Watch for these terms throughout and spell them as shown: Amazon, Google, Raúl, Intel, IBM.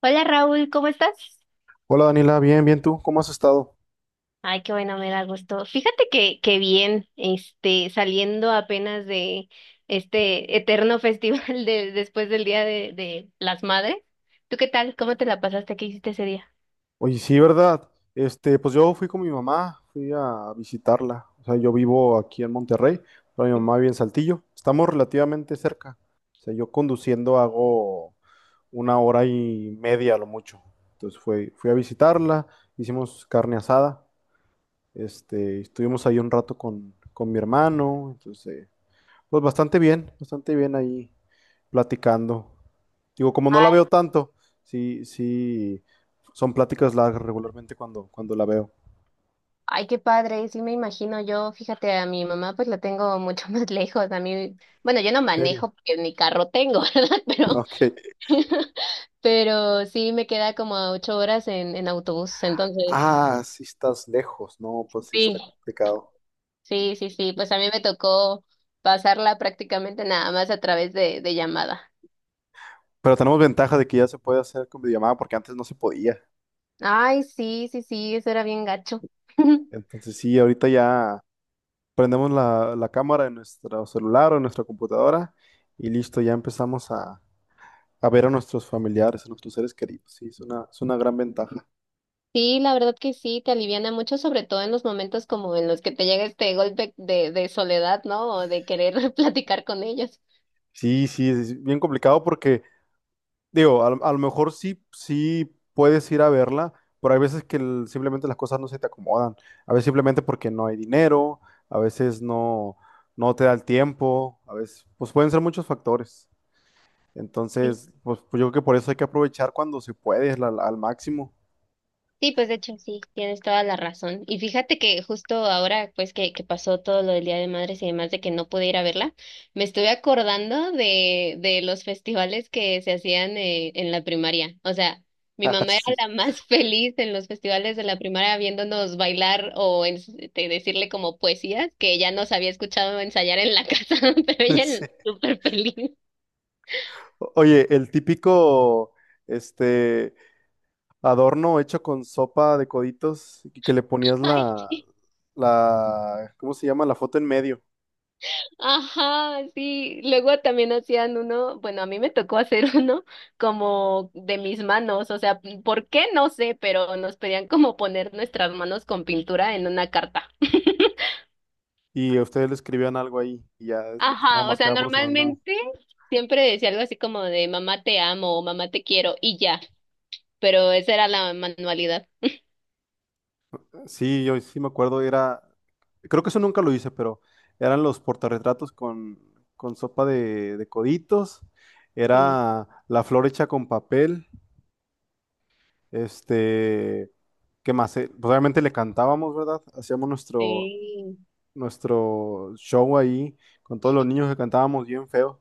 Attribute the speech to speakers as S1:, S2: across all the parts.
S1: Hola Raúl, ¿cómo estás?
S2: Hola Daniela, bien, bien tú, ¿cómo has estado?
S1: Ay, qué bueno, me da gusto. Fíjate que bien, saliendo apenas de este eterno festival de, después del Día de las Madres. ¿Tú qué tal? ¿Cómo te la pasaste? ¿Qué hiciste ese día?
S2: Oye, sí, ¿verdad? Este, pues yo fui con mi mamá, fui a visitarla. O sea, yo vivo aquí en Monterrey, pero mi mamá vive en Saltillo. Estamos relativamente cerca. O sea, yo conduciendo hago una hora y media a lo mucho. Entonces fui a visitarla, hicimos carne asada, estuvimos ahí un rato con mi hermano, entonces, pues bastante bien ahí platicando. Digo, como no la
S1: Ay,
S2: veo tanto, sí, sí, son pláticas largas regularmente cuando la veo.
S1: ay, qué padre, sí me imagino yo, fíjate, a mi mamá pues la tengo mucho más lejos, a mí, bueno, yo no
S2: ¿En serio?
S1: manejo porque ni carro tengo, ¿verdad? Pero,
S2: Ok.
S1: pero sí me queda como a 8 horas en autobús, entonces,
S2: Ah, sí estás lejos. No, pues sí
S1: sí.
S2: está complicado.
S1: Sí, sí, sí, pues a mí me tocó pasarla prácticamente nada más a través de llamada.
S2: Pero tenemos ventaja de que ya se puede hacer con videollamada porque antes no se podía.
S1: Ay, sí, sí, sí, eso era bien gacho.
S2: Entonces sí, ahorita ya prendemos la cámara en nuestro celular o en nuestra computadora y listo, ya empezamos a ver a nuestros familiares, a nuestros seres queridos. Sí, es una gran ventaja.
S1: Sí, la verdad que sí, te aliviana mucho, sobre todo en los momentos como en los que te llega este golpe de soledad, ¿no? O de querer platicar con ellos.
S2: Sí, sí, es bien complicado porque digo, a lo mejor sí, sí puedes ir a verla, pero hay veces que simplemente las cosas no se te acomodan. A veces simplemente porque no hay dinero, a veces no, no te da el tiempo, a veces, pues pueden ser muchos factores. Entonces, pues yo creo que por eso hay que aprovechar cuando se puede, al máximo.
S1: Sí, pues de hecho sí, tienes toda la razón. Y fíjate que justo ahora, pues que pasó todo lo del Día de Madres y demás de que no pude ir a verla, me estuve acordando de los festivales que se hacían en la primaria. O sea, mi mamá era la
S2: Ah,
S1: más feliz en los festivales de la primaria viéndonos bailar o decirle como poesías que ya nos había escuchado ensayar en la casa, pero
S2: sí,
S1: ella
S2: sí.
S1: súper feliz.
S2: Oye, el típico, este, adorno hecho con sopa de coditos que le ponías ¿cómo se llama? La foto en medio.
S1: Ajá, sí. Luego también hacían uno, bueno, a mí me tocó hacer uno como de mis manos, o sea, ¿por qué? No sé, pero nos pedían como poner nuestras manos con pintura en una carta.
S2: Y a ustedes le escribían algo ahí y ya estaba
S1: Ajá, o sea,
S2: marcada por su mamá.
S1: normalmente siempre decía algo así como de mamá te amo o mamá te quiero y ya, pero esa era la manualidad.
S2: Sí, yo sí me acuerdo, era, creo que eso nunca lo hice, pero eran los portarretratos con sopa de coditos,
S1: Sí,
S2: era la flor hecha con papel, este, ¿qué más? Pues obviamente le cantábamos, ¿verdad? Hacíamos nuestro,
S1: sí,
S2: nuestro show ahí con todos los niños que cantábamos bien feo,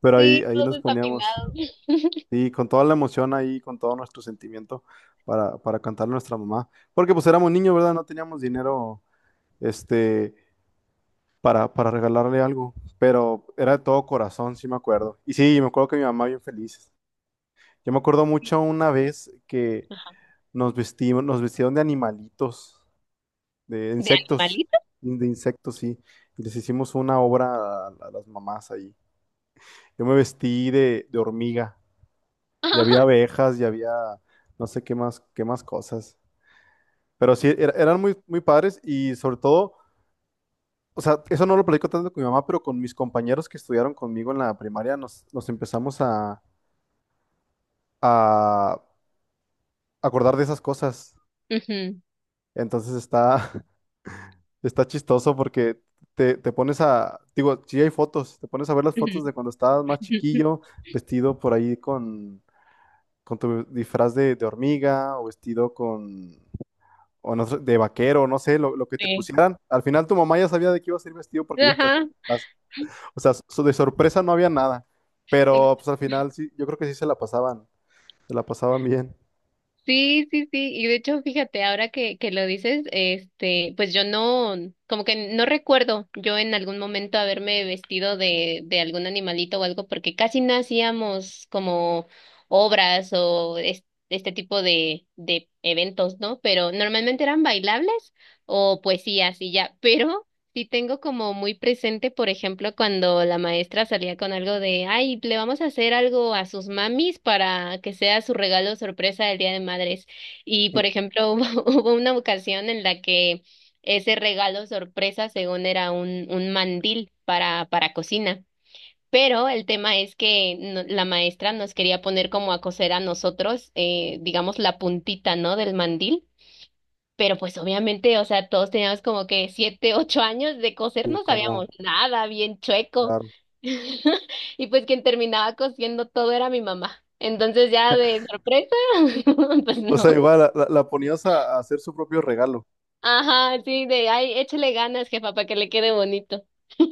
S2: pero ahí,
S1: sí,
S2: ahí
S1: todos
S2: nos poníamos.
S1: desafinados.
S2: Sí, con toda la emoción ahí, con todo nuestro sentimiento para cantarle a nuestra mamá. Porque pues éramos niños, ¿verdad? No teníamos dinero este, para regalarle algo, pero era de todo corazón, sí me acuerdo. Y sí, me acuerdo que mi mamá bien feliz. Yo me acuerdo mucho una vez que
S1: Ajá.
S2: nos vestimos, nos vestieron de animalitos, de
S1: ¿De
S2: insectos,
S1: animalito?
S2: de insectos, sí. Y les hicimos una obra a las mamás ahí. Yo me vestí de hormiga y había
S1: Ajá.
S2: abejas y había no sé qué más cosas. Pero sí, eran muy, muy padres y sobre todo, o sea, eso no lo platico tanto con mi mamá, pero con mis compañeros que estudiaron conmigo en la primaria nos empezamos a acordar de esas cosas.
S1: Ujú,
S2: Entonces está, está chistoso porque te pones a, digo, sí hay fotos, te pones a ver las
S1: ujú,
S2: fotos de cuando estabas más
S1: ujú, ujú.
S2: chiquillo, vestido por ahí con tu disfraz de hormiga o vestido con o no sé, de vaquero, no sé, lo que te
S1: Sí.
S2: pusieran. Al final tu mamá ya sabía de qué ibas a ir vestido porque ya te hacían
S1: Ajá.
S2: o sea, de sorpresa no había nada. Pero pues al final sí, yo creo que sí se la pasaban bien.
S1: Sí, sí, sí. Y de hecho, fíjate, ahora que lo dices, pues yo no, como que no recuerdo yo en algún momento haberme vestido de algún animalito o algo, porque casi no hacíamos como obras o este tipo de eventos, ¿no? Pero normalmente eran bailables o poesías y ya. Pero sí tengo como muy presente, por ejemplo, cuando la maestra salía con algo de, ay, le vamos a hacer algo a sus mamis para que sea su regalo sorpresa del Día de Madres. Y, por ejemplo, hubo una ocasión en la que ese regalo sorpresa, según era un mandil para cocina. Pero el tema es que la maestra nos quería poner como a coser a nosotros, digamos, la puntita, ¿no? Del mandil. Pero pues obviamente, o sea, todos teníamos como que 7, 8 años de coser,
S2: Sí,
S1: no
S2: como,
S1: sabíamos nada, bien chueco.
S2: claro.
S1: Y pues quien terminaba cosiendo todo era mi mamá. Entonces ya de sorpresa, pues
S2: O sea,
S1: no.
S2: igual la ponías a hacer su propio regalo.
S1: Ajá, sí, de, ay, échale ganas, jefa, para que le quede bonito.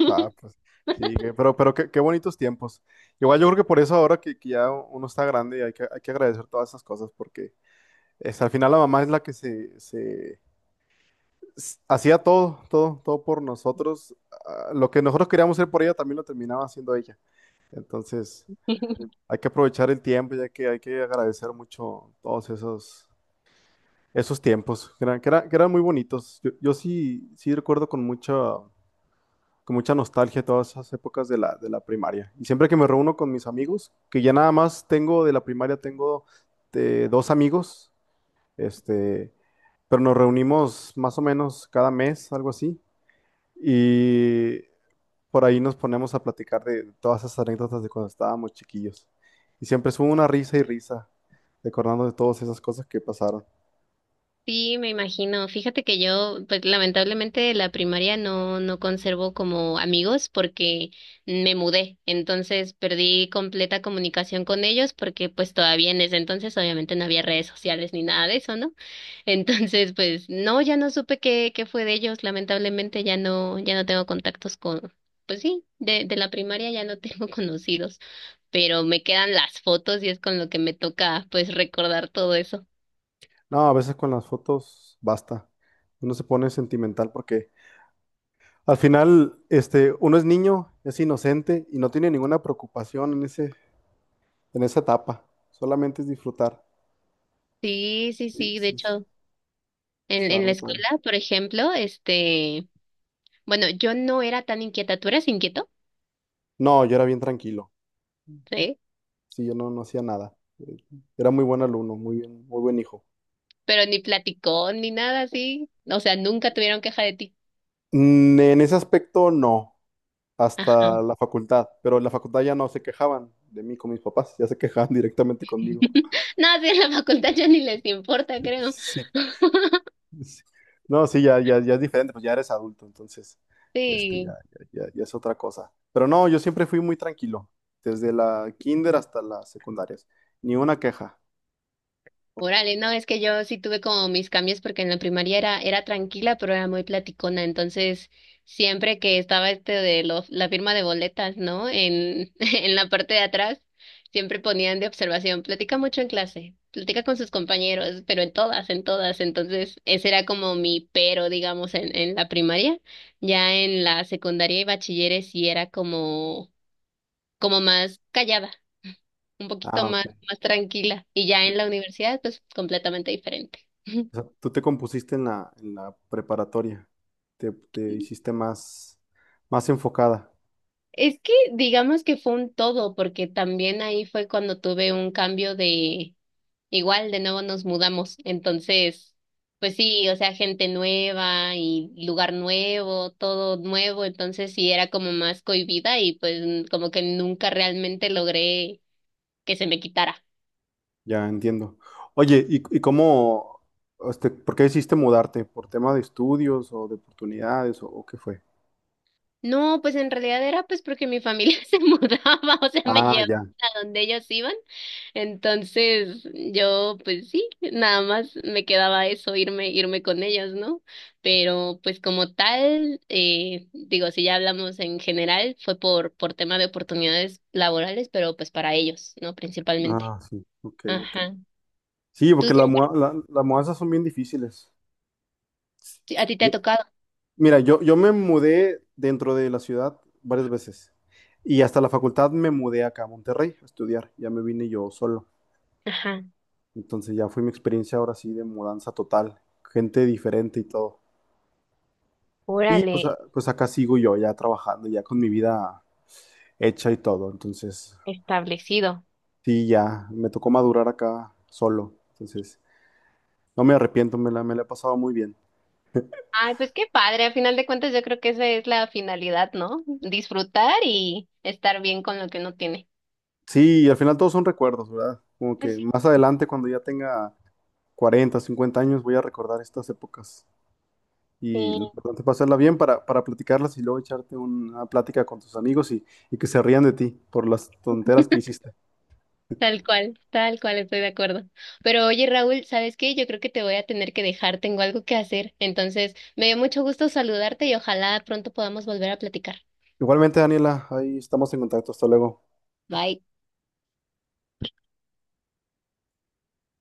S2: Ah, pues sí, pero qué, qué bonitos tiempos. Igual yo creo que por eso ahora que ya uno está grande hay hay que agradecer todas esas cosas porque es, al final la mamá es la que hacía todo, todo, todo por nosotros. Ah, lo que nosotros queríamos hacer por ella también lo terminaba haciendo ella. Entonces, hay que aprovechar el tiempo, ya que hay que agradecer mucho esos tiempos, que eran muy bonitos. Yo sí, sí recuerdo con mucha nostalgia todas esas épocas de de la primaria. Y siempre que me reúno con mis amigos, que ya nada más tengo de la primaria, tengo dos amigos, este pero nos reunimos más o menos cada mes, algo así, y por ahí nos ponemos a platicar de todas esas anécdotas de cuando estábamos chiquillos. Y siempre es una risa y risa, recordando de todas esas cosas que pasaron.
S1: Sí, me imagino. Fíjate que yo, pues lamentablemente de la primaria no conservo como amigos porque me mudé. Entonces perdí completa comunicación con ellos porque pues todavía en ese entonces obviamente no había redes sociales ni nada de eso, ¿no? Entonces, pues no, ya no supe qué fue de ellos. Lamentablemente ya no tengo contactos con, pues sí, de la primaria ya no tengo conocidos, pero me quedan las fotos y es con lo que me toca pues recordar todo eso.
S2: No, a veces con las fotos basta. Uno se pone sentimental porque al final, uno es niño, es inocente y no tiene ninguna preocupación en en esa etapa. Solamente es disfrutar.
S1: Sí, sí,
S2: Sí,
S1: sí, de
S2: sí, sí,
S1: hecho. En,
S2: estaba
S1: en la
S2: muy padre.
S1: escuela, por ejemplo, bueno, yo no era tan inquieta, tú eras inquieto,
S2: No, yo era bien tranquilo.
S1: ¿sí?
S2: Sí, yo no, no hacía nada. Era muy buen alumno, muy buen hijo.
S1: Pero ni platicó ni nada así, o sea, nunca tuvieron queja de ti.
S2: Mm, en ese aspecto no, hasta
S1: Ajá.
S2: la facultad, pero en la facultad ya no se quejaban de mí con mis papás, ya se quejaban directamente conmigo.
S1: No, sí, en la facultad ya ni les importa, creo.
S2: Sí, sí. No, sí, ya es diferente, pues ya eres adulto, entonces, este, ya,
S1: Sí.
S2: ya es otra cosa. Pero no, yo siempre fui muy tranquilo, desde la kinder hasta las secundarias, ni una queja.
S1: Órale, no, es que yo sí tuve como mis cambios porque en la primaria era, era tranquila, pero era muy platicona. Entonces, siempre que estaba de la firma de boletas, ¿no? En, en la parte de atrás, siempre ponían de observación, platica mucho en clase, platica con sus compañeros, pero en todas, en todas. Entonces, ese era como mi pero, digamos, en la primaria. Ya en la secundaria y bachilleres sí era como más callada, un poquito
S2: Ah,
S1: más,
S2: ok.
S1: más tranquila. Y ya
S2: Te-
S1: en la
S2: o
S1: universidad, pues completamente diferente.
S2: tú te compusiste en en la preparatoria, te hiciste más, más enfocada.
S1: Es que digamos que fue un todo, porque también ahí fue cuando tuve un cambio de, igual, de nuevo nos mudamos. Entonces, pues sí, o sea, gente nueva y lugar nuevo, todo nuevo. Entonces sí era como más cohibida y pues como que nunca realmente logré que se me quitara.
S2: Ya entiendo. Oye, ¿ por qué decidiste mudarte? ¿Por tema de estudios o de oportunidades o qué fue?
S1: No, pues en realidad era pues porque mi familia se mudaba, o sea, me
S2: Ah,
S1: llevaba
S2: ya.
S1: a donde ellos iban. Entonces, yo pues sí, nada más me quedaba eso, irme, irme con ellos, ¿no? Pero pues como tal, digo, si ya hablamos en general, fue por tema de oportunidades laborales, pero pues para ellos, ¿no? Principalmente.
S2: Ah, sí. Ok, ok.
S1: Ajá.
S2: Sí,
S1: Tú
S2: porque
S1: siempre,
S2: las mudanzas son bien difíciles.
S1: a ti te ha
S2: Yo-
S1: tocado.
S2: mira, yo me mudé dentro de la ciudad varias veces y hasta la facultad me mudé acá a Monterrey a estudiar. Ya me vine yo solo.
S1: Ajá.
S2: Entonces ya fue mi experiencia ahora sí de mudanza total, gente diferente y todo. Y pues,
S1: Órale,
S2: pues acá sigo yo ya trabajando, ya con mi vida hecha y todo. Entonces,
S1: establecido.
S2: sí, ya me tocó madurar acá solo. Entonces, no me arrepiento, me la he pasado muy bien.
S1: Ay, pues qué padre. A final de cuentas, yo creo que esa es la finalidad, ¿no? Disfrutar y estar bien con lo que uno tiene.
S2: Sí, y al final todos son recuerdos, ¿verdad? Como que
S1: Pues
S2: más adelante, cuando ya tenga 40, 50 años, voy a recordar estas épocas.
S1: sí,
S2: Y lo importante es pasarla bien para platicarlas y luego echarte una plática con tus amigos y que se rían de ti por las tonteras que hiciste.
S1: tal cual, estoy de acuerdo. Pero oye, Raúl, ¿sabes qué? Yo creo que te voy a tener que dejar, tengo algo que hacer. Entonces, me dio mucho gusto saludarte y ojalá pronto podamos volver a platicar.
S2: Igualmente, Daniela, ahí estamos en contacto. Hasta luego.
S1: Bye.